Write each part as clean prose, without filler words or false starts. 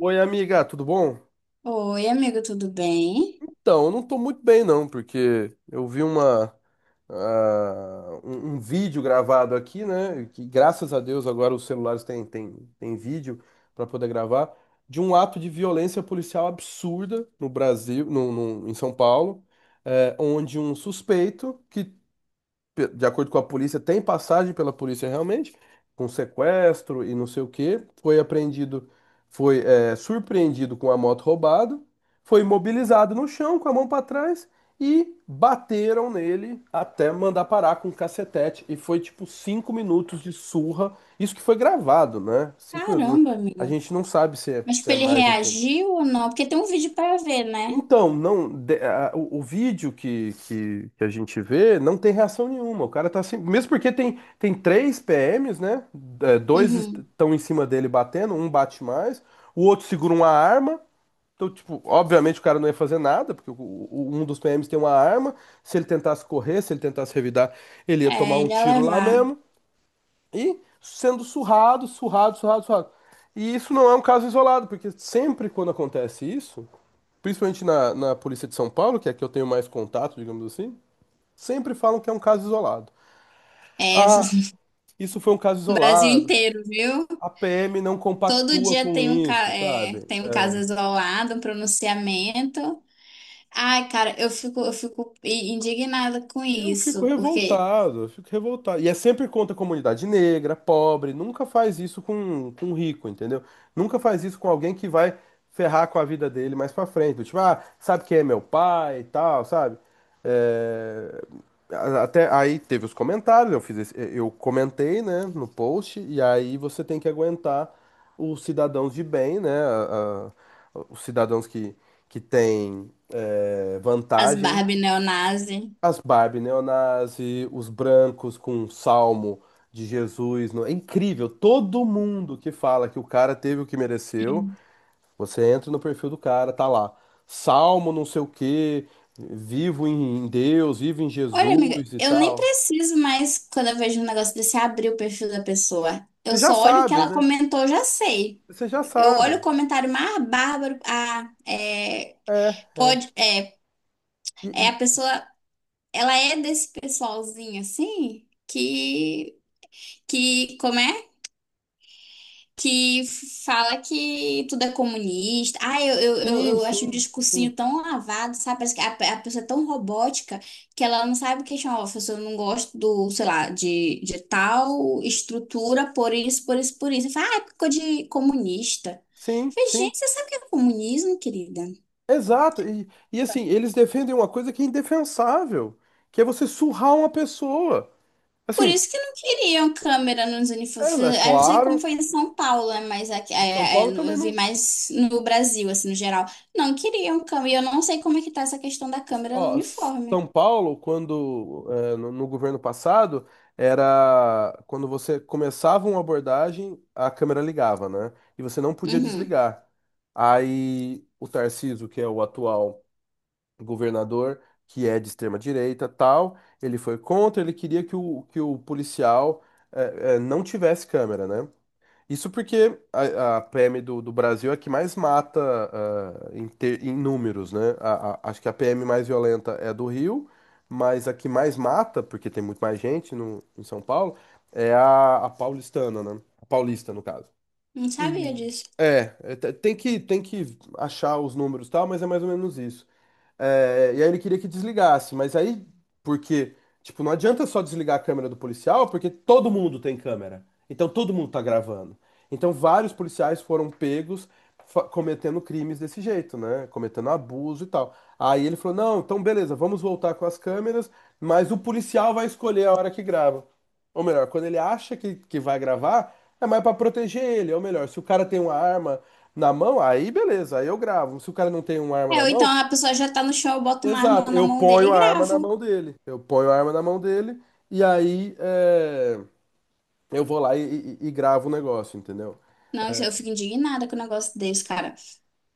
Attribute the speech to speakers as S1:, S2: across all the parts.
S1: Oi, amiga, tudo bom?
S2: Oi, amigo, tudo bem?
S1: Então, eu não tô muito bem não, porque eu vi um vídeo gravado aqui, né? Que graças a Deus agora os celulares têm vídeo para poder gravar de um ato de violência policial absurda no Brasil, em São Paulo, onde um suspeito que de acordo com a polícia, tem passagem pela polícia realmente, com sequestro e não sei o quê. Foi apreendido, foi surpreendido com a moto roubada, foi imobilizado no chão com a mão para trás e bateram nele até mandar parar com um cacetete. E foi tipo 5 minutos de surra. Isso que foi gravado, né? 5 minutos.
S2: Caramba,
S1: A
S2: amigo.
S1: gente não sabe se é,
S2: Mas
S1: se
S2: tipo,
S1: é
S2: ele
S1: mais ou pouco.
S2: reagiu ou não? Porque tem um vídeo pra ver, né?
S1: Então, não, o vídeo que a gente vê não tem reação nenhuma. O cara tá assim, mesmo porque tem três PMs, né? É, dois
S2: Uhum.
S1: estão em cima dele batendo, um bate mais, o outro segura uma arma. Então, tipo, obviamente o cara não ia fazer nada, porque um dos PMs tem uma arma. Se ele tentasse correr, se ele tentasse revidar, ele ia tomar
S2: É,
S1: um
S2: ele ia
S1: tiro lá
S2: levar.
S1: mesmo. E sendo surrado, surrado, surrado, surrado. E isso não é um caso isolado, porque sempre quando acontece isso, principalmente na polícia de São Paulo, que é a que eu tenho mais contato, digamos assim, sempre falam que é um caso isolado.
S2: É,
S1: Ah, isso foi um caso
S2: Brasil
S1: isolado.
S2: inteiro, viu?
S1: A PM não
S2: Todo
S1: compactua
S2: dia
S1: com
S2: tem um,
S1: isso, sabe?
S2: tem um caso isolado, um pronunciamento. Ai, cara, eu fico indignada com
S1: Eu fico
S2: isso, porque
S1: revoltado, eu fico revoltado. E é sempre contra a comunidade negra, pobre, nunca faz isso com um rico, entendeu? Nunca faz isso com alguém que vai ferrar com a vida dele mais pra frente. Do Tipo, ah, sabe quem é meu pai e tal, sabe? É, Até aí teve os comentários, eu eu comentei, né, no post, e aí você tem que aguentar os cidadãos de bem, né? Os cidadãos que têm
S2: as
S1: vantagem,
S2: Barbie neonazi.
S1: as Barbie, neonazi, os brancos com o salmo de Jesus. É incrível. Todo mundo que fala que o cara teve o que mereceu, você entra no perfil do cara, tá lá. Salmo não sei o quê, vivo em Deus, vivo em
S2: Olha, amiga,
S1: Jesus e
S2: eu nem
S1: tal.
S2: preciso mais, quando eu vejo um negócio desse, abrir o perfil da pessoa. Eu
S1: Você já
S2: só olho o que
S1: sabe,
S2: ela
S1: né?
S2: comentou, eu já sei.
S1: Você já
S2: Eu olho o
S1: sabe.
S2: comentário mais bárbaro. Ah, é,
S1: É.
S2: pode, é,
S1: E-
S2: é
S1: e-
S2: a pessoa, ela é desse pessoalzinho assim, que, como é? Que fala que tudo é comunista. Ah, eu, eu, eu,
S1: sim,
S2: eu acho um
S1: sim,
S2: discursinho
S1: sim.
S2: tão lavado, sabe? Parece que a pessoa é tão robótica que ela não sabe questionar. Ó, professor, eu não gosto do, sei lá, de tal estrutura, por isso. Fala, ah, é porque ficou de comunista. Eu
S1: Sim,
S2: falei,
S1: sim.
S2: gente, você sabe o que é comunismo, querida?
S1: Exato. E assim, eles defendem uma coisa que é indefensável, que é você surrar uma pessoa.
S2: Por
S1: Assim,
S2: isso que não queriam câmera nos
S1: é,
S2: uniformes.
S1: é
S2: Eu não sei como
S1: claro.
S2: foi em São Paulo, né, mas aqui,
S1: São Paulo também
S2: eu vi
S1: não.
S2: mais no Brasil, assim, no geral. Não queriam câmera. E eu não sei como é que tá essa questão da câmera no
S1: Ó,
S2: uniforme.
S1: São Paulo, quando é, no governo passado, era quando você começava uma abordagem, a câmera ligava, né? E você não podia
S2: Uhum.
S1: desligar. Aí o Tarcísio, que é o atual governador, que é de extrema direita, tal, ele foi contra, ele queria que o policial não tivesse câmera, né? Isso porque a PM do Brasil é a que mais mata em números, né? Acho que a PM mais violenta é a do Rio, mas a que mais mata, porque tem muito mais gente no, em São Paulo, é a paulistana, né? A paulista, no caso.
S2: Não sabia
S1: E
S2: disso.
S1: tem que achar os números e tal, mas é mais ou menos isso. É, e aí ele queria que desligasse, mas aí, porque, tipo, não adianta só desligar a câmera do policial, porque todo mundo tem câmera. Então todo mundo tá gravando. Então vários policiais foram pegos cometendo crimes desse jeito, né? Cometendo abuso e tal. Aí ele falou: não, então beleza, vamos voltar com as câmeras, mas o policial vai escolher a hora que grava. Ou melhor, quando ele acha que vai gravar, é mais pra proteger ele. Ou melhor, se o cara tem uma arma na mão, aí beleza, aí eu gravo. Se o cara não tem uma arma
S2: É,
S1: na
S2: ou então
S1: mão.
S2: a pessoa já tá no chão, eu boto uma arma
S1: Exato,
S2: na
S1: eu
S2: mão dele
S1: ponho
S2: e
S1: a arma na
S2: gravo.
S1: mão dele. Eu ponho a arma na mão dele e aí eu vou lá e gravo o negócio, entendeu?
S2: Não, isso eu fico indignada com o negócio desse, cara.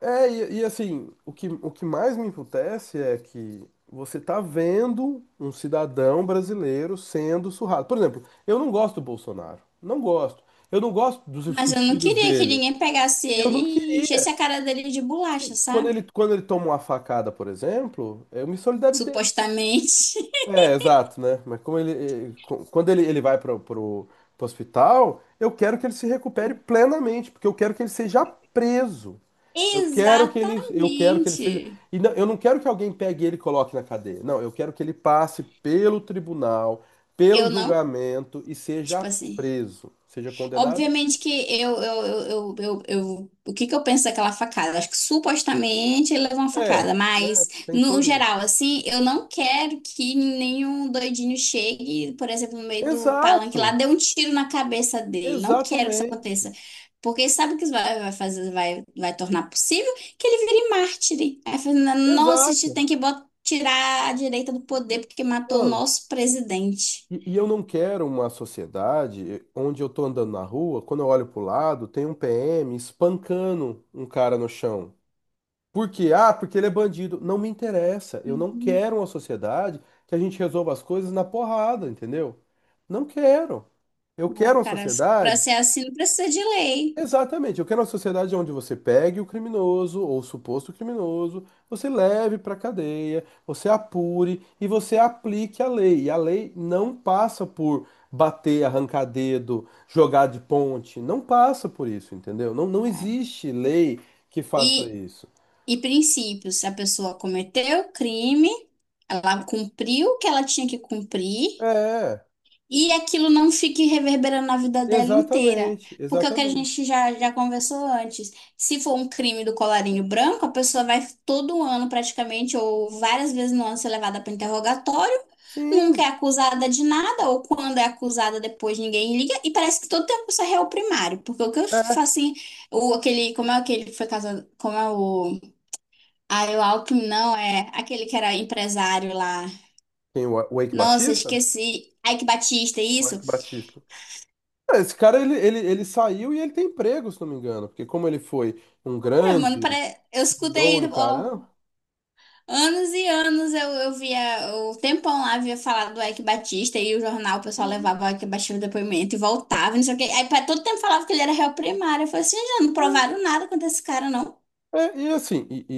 S1: É, e assim, o que mais me emputece é que você tá vendo um cidadão brasileiro sendo surrado. Por exemplo, eu não gosto do Bolsonaro. Não gosto. Eu não gosto dos,
S2: Mas eu
S1: dos
S2: não
S1: filhos
S2: queria que
S1: dele.
S2: ninguém pegasse
S1: Eu
S2: ele
S1: não
S2: e
S1: queria.
S2: enchesse a cara dele de bolacha,
S1: Assim, quando
S2: sabe?
S1: ele, quando ele toma uma facada, por exemplo, eu me solidarizei,
S2: Supostamente.
S1: é, exato, né? Mas como ele vai para o hospital, eu quero que ele se recupere plenamente, porque eu quero que ele seja preso. Eu quero que ele seja.
S2: Exatamente.
S1: E eu não quero que alguém pegue ele e coloque na cadeia. Não, eu quero que ele passe pelo tribunal, pelo
S2: Eu não.
S1: julgamento e
S2: Tipo
S1: seja
S2: assim.
S1: preso, seja condenado.
S2: Obviamente que eu, o que que eu penso daquela facada? Acho que supostamente ele levou uma
S1: É,
S2: facada,
S1: né?
S2: mas
S1: Tem
S2: no
S1: tudo isso.
S2: geral, assim, eu não quero que nenhum doidinho chegue, por exemplo, no meio do palanque lá,
S1: Exato,
S2: dê um tiro na cabeça dele. Não quero que isso
S1: exatamente,
S2: aconteça. Porque sabe o que isso vai fazer, vai tornar possível? Que ele vire mártire. Aí, fala, nossa, a gente
S1: exato.
S2: tem que tirar a direita do poder porque matou o
S1: Mano.
S2: nosso presidente.
S1: E eu não quero uma sociedade onde eu tô andando na rua, quando eu olho pro lado, tem um PM espancando um cara no chão. Por quê? Ah, porque ele é bandido. Não me interessa. Eu não quero uma sociedade que a gente resolva as coisas na porrada, entendeu? Não quero. Eu
S2: É,
S1: quero uma
S2: cara, para
S1: sociedade.
S2: ser assim não precisa de lei,
S1: Exatamente. Eu quero uma sociedade onde você pegue o criminoso ou o suposto criminoso, você leve para a cadeia, você apure e você aplique a lei. E a lei não passa por bater, arrancar dedo, jogar de ponte. Não passa por isso, entendeu? Não, não
S2: cara.
S1: existe lei que faça
S2: E,
S1: isso.
S2: e princípios, se a pessoa cometeu o crime, ela cumpriu o que ela tinha que cumprir,
S1: É,
S2: e aquilo não fique reverberando na vida dela inteira.
S1: exatamente,
S2: Porque é o que a
S1: exatamente.
S2: gente já conversou antes. Se for um crime do colarinho branco, a pessoa vai todo ano praticamente, ou várias vezes no ano, ser levada para interrogatório, nunca é
S1: Sim, sim.
S2: acusada de nada, ou quando é acusada depois ninguém liga, e parece que todo tempo isso é réu primário. Porque o que eu
S1: É.
S2: faço assim, aquele, como é aquele que foi casado, como é o. Ah, o Alckmin, não, é aquele que era empresário lá.
S1: Tem o Eike
S2: Nossa,
S1: Batista?
S2: esqueci. Ike Batista,
S1: O
S2: isso?
S1: Eike Batista. É, esse cara, ele saiu e ele tem emprego, se não me engano, porque como ele foi um
S2: Cara, mano,
S1: grande
S2: pare... eu
S1: CEO
S2: escutei,
S1: e o
S2: ó,
S1: caramba,
S2: anos e anos eu via, o tempão lá via falar do Eike Batista e o jornal, o pessoal
S1: e,
S2: levava o Eike Batista no depoimento e voltava, não sei o quê. Aí pra todo tempo falava que ele era réu primário. Eu falei assim, já não provaram nada contra esse cara, não.
S1: é, e assim, e, e,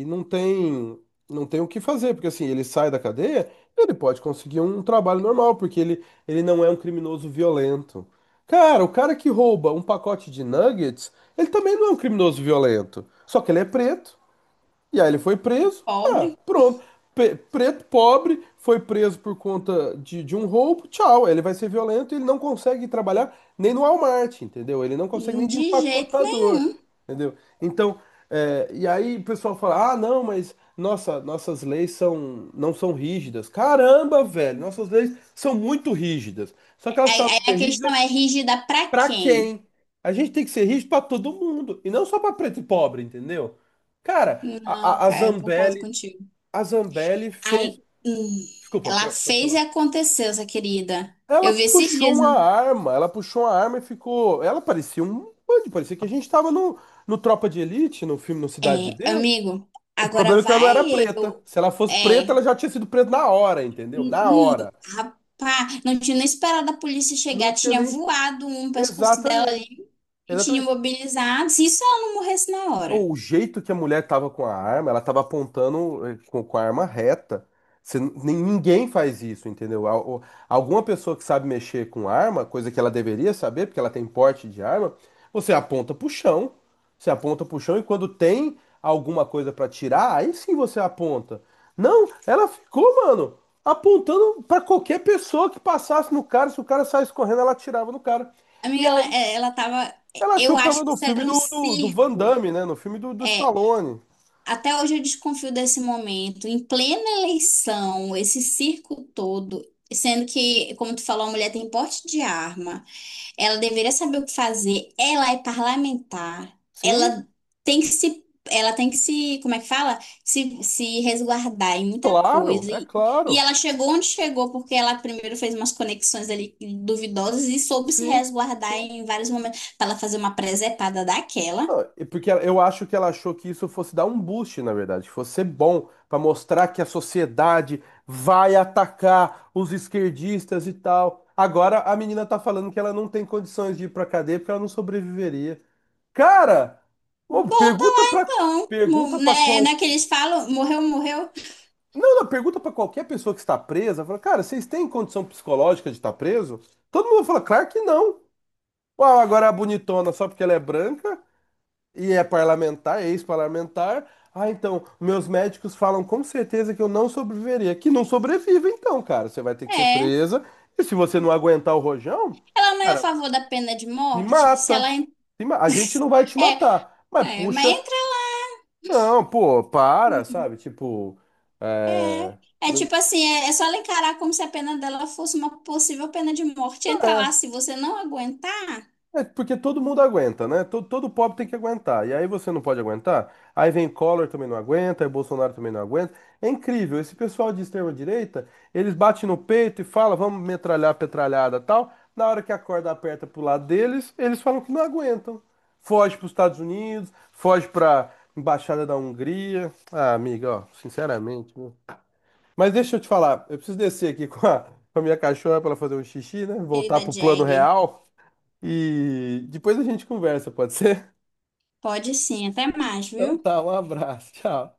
S1: e não tem, não tem o que fazer, porque assim, ele sai da cadeia, ele pode conseguir um trabalho normal, porque ele não é um criminoso violento. Cara, o cara que rouba um pacote de nuggets, ele também não é um criminoso violento, só que ele é preto. E aí ele foi preso. Ah,
S2: Pobre.
S1: pronto. Preto, pobre, foi preso por conta de um roubo. Tchau. Ele vai ser violento e ele não consegue trabalhar nem no Walmart, entendeu? Ele não consegue nem de
S2: De jeito
S1: empacotador,
S2: nenhum.
S1: entendeu? Então, e aí o pessoal fala: ah, não, mas nossa, nossas leis são, não são rígidas. Caramba, velho, nossas leis são muito rígidas. Só que elas
S2: Aí
S1: precisavam
S2: a
S1: ser
S2: questão
S1: rígidas.
S2: é rígida pra
S1: Pra
S2: quem?
S1: quem? A gente tem que ser rico pra todo mundo e não só pra preto e pobre, entendeu? Cara,
S2: Não,
S1: a
S2: cara, eu concordo
S1: Zambelli,
S2: contigo.
S1: a Zambelli fez.
S2: Aí, hum,
S1: Desculpa,
S2: ela
S1: pode
S2: fez e
S1: falar.
S2: aconteceu, essa querida.
S1: Ela
S2: Eu vi esses
S1: puxou
S2: dias.
S1: uma arma, ela puxou uma arma e ficou. Ela parecia um bandido, parecia que a gente tava no Tropa de Elite, no filme No Cidade de
S2: É,
S1: Deus.
S2: amigo,
S1: O
S2: agora
S1: problema é que ela não
S2: vai
S1: era preta.
S2: eu.
S1: Se ela fosse preta, ela
S2: É.
S1: já tinha sido presa na hora, entendeu?
S2: hum,
S1: Na
S2: hum,
S1: hora.
S2: rapaz, não tinha nem esperado a polícia
S1: Não
S2: chegar,
S1: tinha
S2: tinha
S1: nem.
S2: voado um pescoço dela
S1: Exatamente.
S2: e tinha
S1: Exatamente.
S2: imobilizado. Se isso ela não morresse na hora.
S1: O jeito que a mulher tava com a arma, ela tava apontando com a arma reta. Você ninguém faz isso, entendeu? Alguma pessoa que sabe mexer com arma, coisa que ela deveria saber, porque ela tem porte de arma, você aponta pro chão. Você aponta pro chão e quando tem alguma coisa pra tirar, aí sim você aponta. Não, ela ficou, mano, apontando pra qualquer pessoa que passasse no cara. Se o cara saísse correndo, ela atirava no cara. E
S2: Amiga, ela,
S1: aí.
S2: é, ela tava.
S1: Ela achou
S2: Eu
S1: que tava
S2: acho que
S1: no
S2: isso
S1: filme
S2: era um
S1: do Van
S2: circo.
S1: Damme, né? No filme do
S2: É,
S1: Stallone.
S2: até hoje eu desconfio desse momento. Em plena eleição, esse circo todo, sendo que, como tu falou, a mulher tem porte de arma. Ela deveria saber o que fazer. Ela é parlamentar.
S1: Sim,
S2: Ela tem que se, ela tem que se, como é que fala? Se resguardar em muita
S1: claro,
S2: coisa.
S1: é
S2: E
S1: claro.
S2: ela chegou onde chegou porque ela primeiro fez umas conexões ali duvidosas e soube se
S1: Sim,
S2: resguardar
S1: sim.
S2: em vários momentos para ela fazer uma presepada daquela.
S1: Não, e eu acho que ela achou que isso fosse dar um boost, na verdade, que fosse ser bom pra mostrar que a sociedade vai atacar os esquerdistas e tal. Agora a menina tá falando que ela não tem condições de ir pra cadeia porque ela não sobreviveria. Cara, ô,
S2: Bota
S1: pergunta
S2: lá
S1: pra,
S2: então,
S1: pergunta
S2: Mo-
S1: para
S2: né?
S1: qual
S2: Naqueles falam, morreu, morreu.
S1: Não, não, pergunta pra qualquer pessoa que está presa, fala, cara, vocês têm condição psicológica de estar preso? Todo mundo fala, claro que não. Uau, agora a bonitona só porque ela é branca e é parlamentar, é ex-parlamentar. Ah, então, meus médicos falam com certeza que eu não sobreviveria. Que não sobrevive, então, cara. Você vai ter que ser
S2: É.
S1: presa. E se você não aguentar o rojão,
S2: Ela não é a
S1: cara,
S2: favor da pena de
S1: te
S2: morte? Se
S1: mata.
S2: ela en-
S1: Se ma- A gente não vai te
S2: é,
S1: matar. Mas,
S2: é, mas
S1: puxa,
S2: entra.
S1: não, pô, para,
S2: Hum.
S1: sabe? Tipo, é...
S2: É, é
S1: não-
S2: tipo assim, é, é só ela encarar como se a pena dela fosse uma possível pena de morte. Entra
S1: é.
S2: lá, se você não aguentar,
S1: É porque todo mundo aguenta, né? Todo, todo pobre tem que aguentar. E aí você não pode aguentar. Aí vem Collor também não aguenta, aí Bolsonaro também não aguenta. É incrível. Esse pessoal de extrema direita, eles batem no peito e falam, vamos metralhar, petralhada, tal. Na hora que a corda aperta pro lado deles, eles falam que não aguentam. Foge para os Estados Unidos, foge para embaixada da Hungria. Ah, amiga, ó, sinceramente, viu? Mas deixa eu te falar, eu preciso descer aqui com a minha cachorra para ela fazer um xixi, né? Voltar
S2: querida
S1: pro plano
S2: Jagger,
S1: real. E depois a gente conversa, pode ser?
S2: pode sim, até mais,
S1: Então
S2: viu?
S1: tá, um abraço, tchau.